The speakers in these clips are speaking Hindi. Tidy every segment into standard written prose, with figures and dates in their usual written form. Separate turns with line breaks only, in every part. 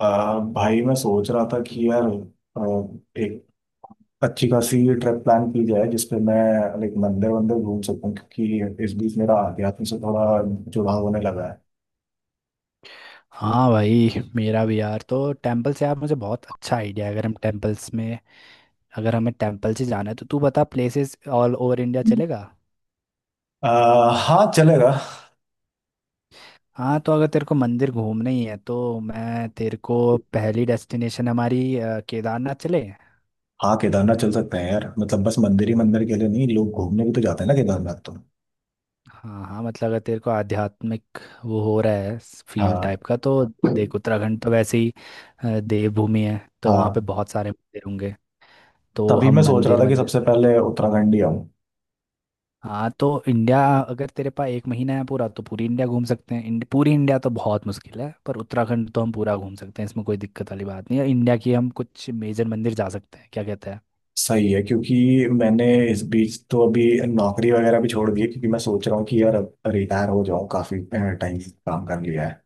भाई मैं सोच रहा था कि यार आ, एक अच्छी खासी ट्रिप प्लान की जाए जिसपे मैं लाइक मंदिर वंदिर घूम सकूं, क्योंकि इस बीच मेरा आध्यात्म से थोड़ा जुड़ाव होने लगा है।
हाँ भाई, मेरा भी यार। तो टेम्पल से आप मुझे बहुत अच्छा आइडिया है। अगर हम टेम्पल्स में अगर हमें टेम्पल से जाना है तो तू बता, प्लेसेस ऑल ओवर इंडिया चलेगा।
हाँ चलेगा।
हाँ, तो अगर तेरे को मंदिर घूमना ही है तो मैं तेरे को पहली डेस्टिनेशन हमारी केदारनाथ चले।
हाँ केदारनाथ चल सकते हैं यार, मतलब बस मंदिर ही मंदिर के लिए नहीं, लोग घूमने भी तो जाते हैं ना केदारनाथ तो।
हाँ हाँ, मतलब अगर तेरे को आध्यात्मिक वो हो रहा है, फील
हाँ
टाइप का, तो देख, उत्तराखंड तो वैसे ही देवभूमि है, तो वहाँ पे
हाँ।
बहुत सारे मंदिर होंगे, तो
तभी मैं
हम
सोच रहा
मंदिर
था कि
मंदिर।
सबसे पहले उत्तराखंड ही आऊं।
हाँ, तो इंडिया अगर तेरे पास एक महीना है पूरा तो पूरी इंडिया घूम सकते हैं, पूरी इंडिया तो बहुत मुश्किल है, पर उत्तराखंड तो हम पूरा घूम सकते हैं, इसमें कोई दिक्कत वाली बात नहीं है। इंडिया की हम कुछ मेजर मंदिर जा सकते हैं, क्या कहते हैं।
सही है, क्योंकि मैंने इस बीच तो अभी नौकरी वगैरह भी छोड़ दी है, क्योंकि मैं सोच रहा हूँ कि यार अब रिटायर हो जाऊँ, काफी टाइम काम कर लिया है।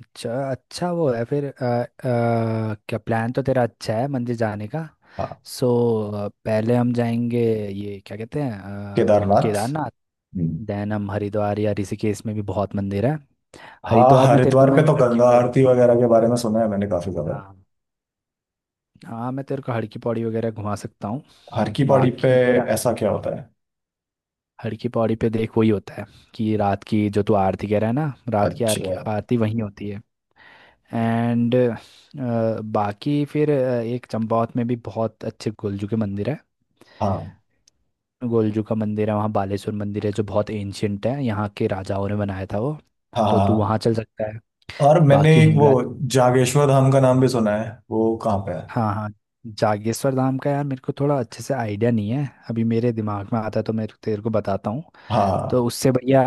अच्छा अच्छा, वो है फिर क्या, प्लान तो तेरा अच्छा है मंदिर जाने का।
हाँ
सो पहले हम जाएंगे, ये क्या कहते हैं, अ,
केदारनाथ।
केदारनाथ।
हम्म।
देन हम हरिद्वार या ऋषिकेश में भी बहुत मंदिर है।
हाँ
हरिद्वार में तेरे को
हरिद्वार
मैं
पे तो
हर की
गंगा
पौड़ी,
आरती वगैरह के बारे में सुना है मैंने काफी ज्यादा।
हाँ हाँ, मैं तेरे को हड़की पौड़ी वगैरह घुमा सकता हूँ,
हर की पौड़ी पे
बाकी तेरा।
ऐसा क्या होता है?
हड़की पौड़ी पे देख वही होता है कि रात की जो तू आरती कह रहा है ना, रात की आरती
अच्छा।
आरती वहीं होती है। एंड बाकी फिर एक चंपावत में भी बहुत अच्छे गोलजू के मंदिर है,
हाँ
गोलजू का मंदिर है। वहाँ बालेश्वर मंदिर है जो बहुत एंशियंट है, यहाँ के राजाओं ने बनाया था वो,
हाँ
तो तू
हाँ।
वहाँ चल सकता है।
और मैंने
बाकी
एक वो
हिंगला।
जागेश्वर धाम का नाम भी सुना है, वो कहाँ पे है?
हाँ हाँ, जागेश्वर धाम का यार मेरे को थोड़ा अच्छे से आइडिया नहीं है, अभी मेरे दिमाग में आता है तो मैं तेरे को बताता हूँ।
हाँ।
तो उससे बढ़िया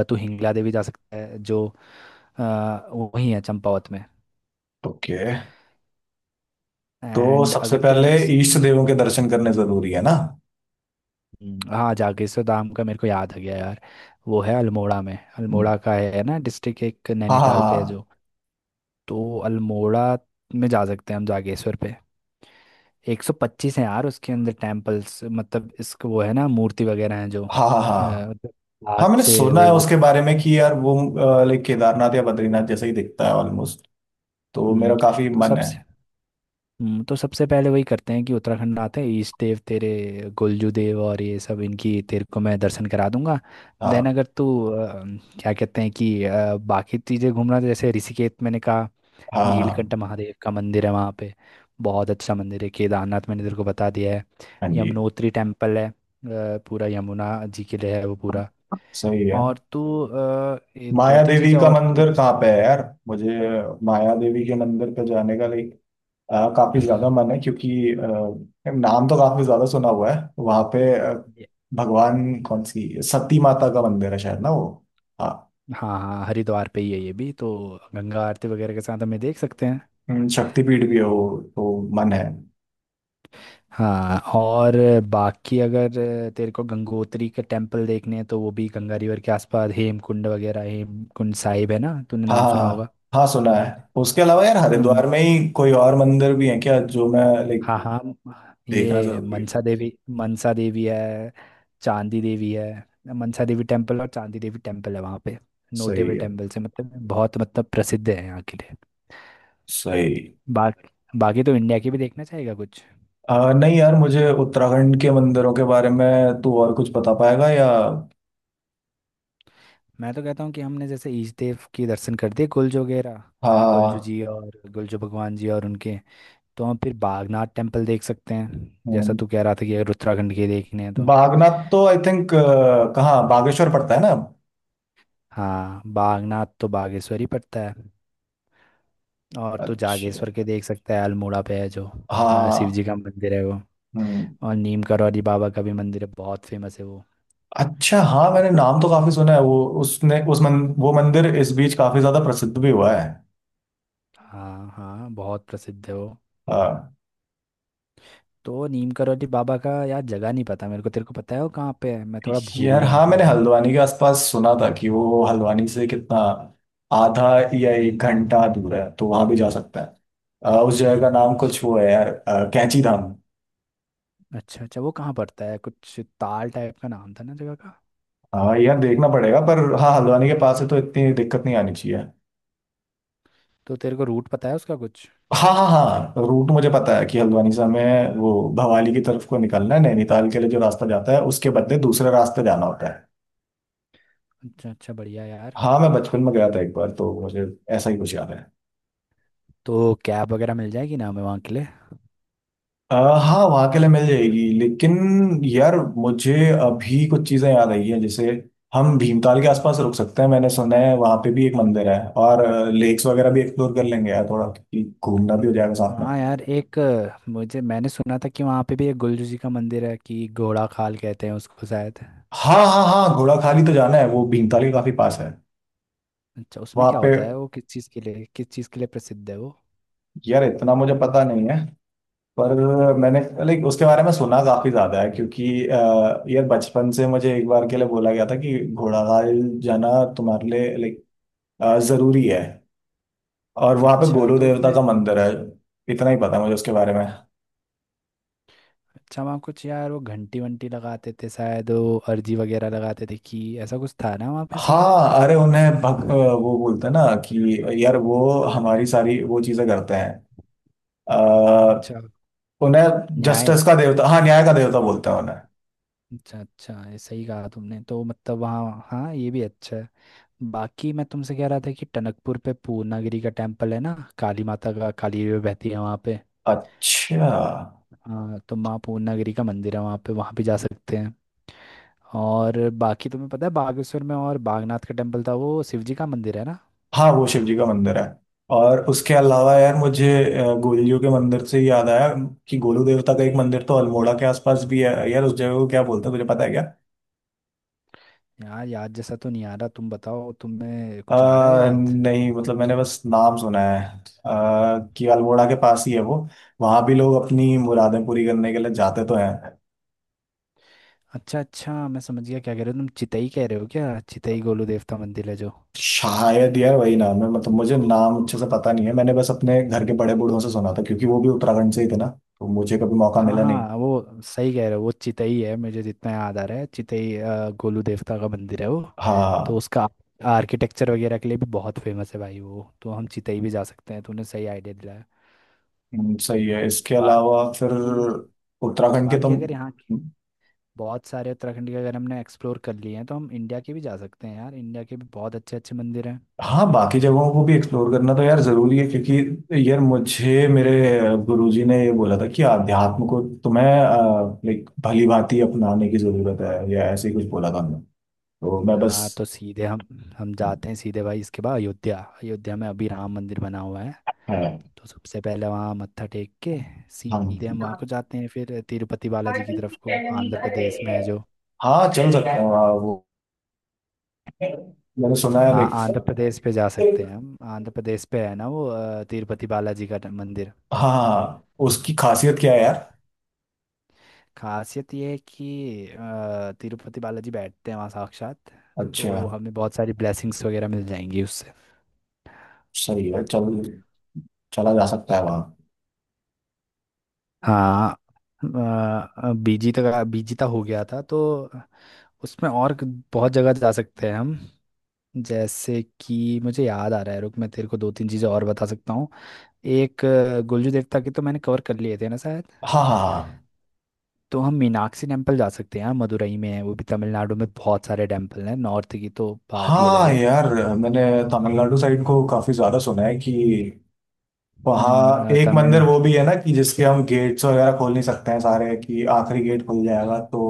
तू हिंगला देवी जा सकता है जो वहीं है चंपावत में।
ओके। तो
एंड
सबसे
अगर तेरे
पहले
को
ईष्ट देवों के दर्शन करने जरूरी है ना।
हाँ, जागेश्वर धाम का मेरे को याद आ गया यार। वो है अल्मोड़ा में,
हम्म।
अल्मोड़ा का है ना, डिस्ट्रिक्ट एक
हाँ हाँ
नैनीताल पे है
हाँ।
जो। तो अल्मोड़ा में जा सकते हैं हम जागेश्वर पे, 125 हैं यार उसके अंदर टेम्पल्स, मतलब इसको वो है ना, मूर्ति वगैरह हैं जो
हाँ हाँ हाँ।
मतलब
हाँ
हाथ
मैंने
से
सुना है उसके बारे में कि यार वो लाइक केदारनाथ या बद्रीनाथ जैसा ही दिखता है ऑलमोस्ट, तो मेरा
हम्म,
काफी
तो
मन है।
सबसे तो सबसे पहले वही करते हैं कि उत्तराखंड आते हैं, ईष्ट देव तेरे, गोलजू देव और ये सब, इनकी तेरे को मैं दर्शन करा दूंगा। देन
हाँ
अगर तू क्या कहते हैं कि बाकी चीज़ें घूमना, जैसे ऋषिकेश मैंने कहा,
हाँ
नीलकंठ
हाँ।
महादेव का मंदिर है वहाँ पे, बहुत अच्छा मंदिर है। केदारनाथ मैंने तेरे को बता दिया है।
हाँ जी।
यमुनोत्री टेम्पल है पूरा यमुना जी के लिए है वो पूरा।
सही है।
और तू ये दो
माया
तीन
देवी
चीज़ें
का
और।
मंदिर कहाँ पे है यार? मुझे माया देवी के मंदिर पे जाने का लाइक काफी ज्यादा मन है, क्योंकि नाम तो काफी ज्यादा सुना हुआ है वहाँ पे
तू,
भगवान कौन सी सती माता का मंदिर है शायद ना वो। हाँ।
हाँ हाँ, हरिद्वार पे ही है ये भी तो, गंगा आरती वगैरह के साथ हमें देख सकते हैं।
शक्तिपीठ भी है वो तो मन है।
हाँ, और बाकी अगर तेरे को गंगोत्री के टेम्पल देखने हैं तो वो भी गंगा रिवर के आसपास, हेमकुंड वगैरह, हेमकुंड साहिब है ना, तूने
हाँ
नाम सुना होगा।
हाँ हाँ, सुना है। उसके अलावा यार
हम्म,
हरिद्वार में ही कोई और मंदिर भी है क्या जो मैं लाइक
हाँ हाँ,
देखना
ये
जरूरी है?
मनसा देवी, मनसा देवी है, चांदी देवी है। मनसा देवी टेम्पल और चांदी देवी टेम्पल है वहाँ पे,
सही
नोटेबल
है।
टेम्पल से मतलब बहुत, मतलब प्रसिद्ध है यहाँ के लिए।
सही।
बाकी बाकी तो इंडिया की भी देखना चाहेगा कुछ।
नहीं यार, मुझे उत्तराखंड के मंदिरों के बारे में तू और कुछ बता पाएगा या? हाँ।
मैं तो कहता हूँ कि हमने जैसे ईश देव के दर्शन कर दिए, गुलजो वगैरह,
हाँ,
गुलजू
हाँ।
जी और गुलजू भगवान जी और उनके, तो हम फिर बागनाथ टेम्पल देख सकते हैं, जैसा
हम्म।
तू कह रहा था कि अगर उत्तराखंड के देखने हैं तो।
बागनाथ तो आई थिंक कहाँ बागेश्वर पड़ता है ना।
हाँ, बागनाथ तो बागेश्वर ही पड़ता है। और तो
अच्छा।
जागेश्वर के देख सकता है, अल्मोड़ा पे है जो, शिव
हाँ।
जी का मंदिर है वो।
हम्म।
और नीम करौली बाबा का भी मंदिर है, बहुत फेमस है वो।
अच्छा हाँ मैंने
जी।
नाम तो काफी सुना है, वो उसने उस मन, वो मंदिर इस बीच काफी ज्यादा प्रसिद्ध भी हुआ है।
हाँ हाँ, बहुत प्रसिद्ध है वो।
हाँ।
तो नीम करौली बाबा का यार जगह नहीं पता मेरे को, तेरे को पता है वो कहाँ पे है? मैं थोड़ा
यार
भूल रहा हूँ,
हाँ
तूने
मैंने
कहीं।
हल्द्वानी के आसपास सुना था कि वो हल्द्वानी से कितना आधा या एक घंटा दूर है, तो वहां भी जा सकते हैं। उस जगह का नाम
अच्छा।
कुछ वो है यार कैंची धाम।
अच्छा अच्छा, वो कहाँ पड़ता है, कुछ ताल टाइप का नाम था ना जगह का।
हाँ यार देखना पड़ेगा, पर हाँ हल्द्वानी के पास है तो इतनी दिक्कत नहीं आनी चाहिए।
तो तेरे को रूट पता है उसका कुछ?
हाँ हाँ हाँ रूट मुझे पता है कि हल्द्वानी से हमें वो भवाली की तरफ को निकलना है, नैनीताल के लिए जो रास्ता जाता है उसके बदले दूसरे रास्ते जाना होता है।
अच्छा अच्छा, बढ़िया यार।
हाँ मैं बचपन में गया था एक बार, तो मुझे ऐसा ही कुछ याद है।
तो कैब वगैरह मिल जाएगी ना हमें वहाँ के लिए?
अ, हाँ वहाँ के लिए मिल जाएगी, लेकिन यार मुझे अभी कुछ चीज़ें याद आई हैं, जैसे हम भीमताल के आसपास रुक सकते हैं, मैंने सुना है वहाँ पे भी एक मंदिर है। और लेक्स वगैरह भी एक्सप्लोर कर लेंगे यार थोड़ा, क्योंकि घूमना भी हो जाएगा साथ में।
हाँ यार, एक मुझे, मैंने सुना था कि वहाँ पे भी एक गुलजू जी का मंदिर है कि घोड़ा खाल कहते हैं उसको शायद।
हाँ हाँ हाँ घोड़ाखाली तो जाना है, वो भीमताल के काफ़ी पास है।
अच्छा, उसमें
वहाँ
क्या
पे
होता है, वो किस चीज़ के लिए, प्रसिद्ध है वो।
यार इतना मुझे पता नहीं है, पर मैंने लाइक उसके बारे में सुना काफ़ी ज़्यादा है, क्योंकि यार बचपन से मुझे एक बार के लिए बोला गया था कि घोड़ाखाल जाना तुम्हारे लिए लाइक ज़रूरी है। और वहां पे
अच्छा,
गोलू
तो
देवता
उसमें।
का मंदिर है। इतना ही पता है मुझे उसके बारे में।
अच्छा, वहाँ कुछ यार, वो घंटी वंटी लगाते थे शायद, वो अर्जी वगैरह लगाते थे कि, ऐसा कुछ था ना वहाँ पे सीन।
हाँ अरे उन्हें भग, वो बोलते हैं ना कि यार वो हमारी सारी वो चीजें करते हैं। अ,
अच्छा।
उन्हें
न्याय।
जस्टिस का देवता, हाँ न्याय का देवता बोलते हैं उन्हें।
अच्छा अच्छा, ये सही कहा तुमने, तो मतलब वहाँ, हाँ, ये भी अच्छा है। बाकी मैं तुमसे कह रहा था कि टनकपुर पे पूर्णागिरी का टेम्पल है ना, काली माता का, काली रिवर बहती है वहाँ पे।
अच्छा।
हाँ तो माँ पूर्णागिरी का मंदिर है वहाँ पे, वहाँ भी जा सकते हैं। और बाकी तुम्हें पता है बागेश्वर में, और बागनाथ का टेम्पल था वो, शिव जी का मंदिर है ना।
हाँ वो शिव जी का मंदिर है। और उसके अलावा यार मुझे गोलू जी के मंदिर से ही याद आया कि गोलू देवता का एक मंदिर तो अल्मोड़ा के आसपास भी है यार, उस जगह को क्या बोलते हैं तुझे पता है क्या?
यार, याद जैसा तो नहीं आ रहा, तुम बताओ तुम्हें कुछ आ रहा है याद?
नहीं मतलब मैंने बस नाम सुना है कि अल्मोड़ा के पास ही है वो। वहां भी लोग अपनी मुरादें पूरी करने के लिए जाते तो हैं।
अच्छा अच्छा, मैं समझ गया क्या कह रहे हो तुम, चितई कह रहे हो क्या, चितई गोलू देवता मंदिर है जो।
शायद यार वही नाम है, मतलब मुझे नाम अच्छे से पता नहीं है, मैंने बस अपने घर के बड़े बूढ़ों से सुना था क्योंकि वो भी उत्तराखंड से ही थे ना, तो मुझे कभी मौका
हाँ
मिला नहीं।
हाँ, वो सही कह रहे हो, वो चितई है, मुझे जितना याद आ रहा है चितई गोलू देवता का मंदिर है वो। तो
हाँ।
उसका आर्किटेक्चर वगैरह के लिए भी बहुत फेमस है भाई वो तो, हम चितई भी जा सकते हैं, तूने सही आइडिया दिलाया।
सही है, इसके अलावा फिर
बाकी
उत्तराखंड के तो।
बाकी अगर यहाँ के बहुत सारे उत्तराखंड के अगर हमने एक्सप्लोर कर लिए हैं तो हम इंडिया के भी जा सकते हैं यार, इंडिया के भी बहुत अच्छे अच्छे मंदिर हैं।
हाँ बाकी जगहों को भी एक्सप्लोर करना तो यार जरूरी है, क्योंकि यार मुझे मेरे गुरुजी ने ये बोला था कि आध्यात्म को तुम्हें लाइक भली भांति अपनाने की जरूरत है या ऐसे ही कुछ बोला था उन्होंने। तो मैं बस
हाँ, तो सीधे हम जाते हैं सीधे भाई, इसके बाद अयोध्या। अयोध्या में अभी राम मंदिर बना हुआ है,
है।
तो सबसे पहले वहाँ मत्था टेक के
हम।
सीधे हम वहाँ को जाते हैं, फिर तिरुपति बालाजी की तरफ को, आंध्र प्रदेश में है जो।
हाँ चल सकते हैं हाँ, वो- मैंने सुना है
हाँ,
लाइक।
आंध्र प्रदेश पे जा सकते हैं हम, आंध्र प्रदेश पे है ना वो तिरुपति बालाजी का मंदिर।
हाँ उसकी खासियत क्या है यार?
खासियत ये है कि तिरुपति बालाजी बैठते हैं वहाँ साक्षात,
अच्छा।
तो हमें बहुत सारी ब्लेसिंग्स वगैरह मिल जाएंगी उससे।
सही है चल। चला जा सकता है वहाँ।
हाँ, बीजी तक हो गया था। तो उसमें और बहुत जगह जा सकते हैं हम। जैसे कि मुझे याद आ रहा है, रुक, मैं तेरे को दो तीन चीज़ें और बता सकता हूँ। एक गुलजू देवता के तो मैंने कवर कर लिए थे ना शायद।
हाँ हाँ हाँ।
तो हम मीनाक्षी टेम्पल जा सकते हैं यार, मदुरई में है वो भी, तमिलनाडु में बहुत सारे टेम्पल हैं, नॉर्थ की तो बात ही अलग
हाँ
है।
यार मैंने तमिलनाडु साइड को काफी ज्यादा सुना है कि वहाँ
अ,
एक
तमिल
मंदिर वो भी है ना कि जिसके हम गेट्स वगैरह खोल नहीं सकते हैं सारे, कि आखिरी गेट खुल जाएगा तो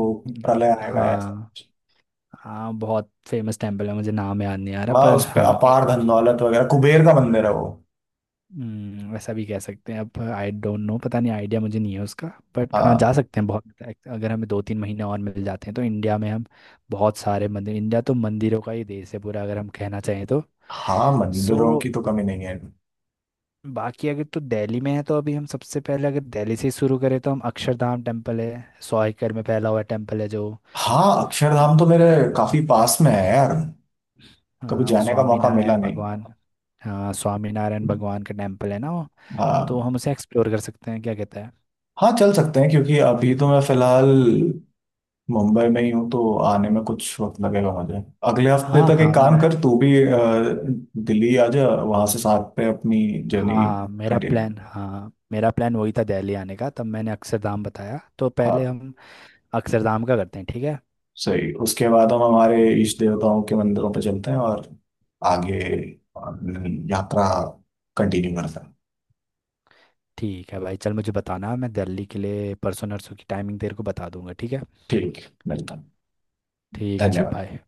अब,
प्रलय आएगा ऐसा।
हाँ हाँ, बहुत फेमस टेम्पल है, मुझे नाम याद नहीं आ रहा
वहाँ
पर
उस पे
हाँ।
अपार धन दौलत वगैरह, कुबेर का मंदिर है वो।
वैसा भी कह सकते हैं। अब आई डोंट नो, पता नहीं, आइडिया मुझे नहीं है उसका। बट हाँ,
हाँ।
जा सकते हैं बहुत। Like, अगर हमें दो तीन महीने और मिल जाते हैं तो इंडिया में हम बहुत सारे मंदिर, इंडिया तो मंदिरों का ही देश है पूरा, अगर हम कहना चाहें तो।
हाँ मंदिरों की
सो
तो कमी नहीं है।
बाकी, अगर तो दिल्ली में है तो अभी, हम सबसे पहले अगर दिल्ली से ही शुरू करें, तो हम अक्षरधाम टेम्पल है, सौ एकड़ में फैला हुआ टेम्पल है जो।
हाँ अक्षरधाम तो मेरे काफी पास में है यार, कभी
हाँ, वो
जाने का
स्वामी
मौका मिला
नारायण
नहीं।
भगवान, हाँ स्वामी नारायण भगवान का टेम्पल है ना वो, तो
हाँ।
हम उसे एक्सप्लोर कर सकते हैं, क्या कहता है।
हाँ चल सकते हैं, क्योंकि अभी तो मैं फिलहाल मुंबई में ही हूँ, तो आने में कुछ वक्त लगेगा मुझे। अगले हफ्ते
हाँ
तक एक
हाँ मैं,
काम कर, तू भी दिल्ली आ जा, वहां से साथ पे अपनी जर्नी कंटिन्यू।
मेरा प्लान वही था दिल्ली आने का, तब मैंने अक्षरधाम बताया, तो पहले
हाँ।
हम अक्षरधाम का करते हैं, ठीक है।
सही, उसके बाद हम हमारे इष्ट देवताओं के मंदिरों पर चलते हैं और आगे अपनी यात्रा कंटिन्यू करते हैं।
ठीक है भाई चल, मुझे बताना, मैं दिल्ली के लिए परसों नरसों की टाइमिंग तेरे को बता दूंगा, ठीक है।
ठीक। मिलता है।
ठीक है, चल
धन्यवाद।
भाई।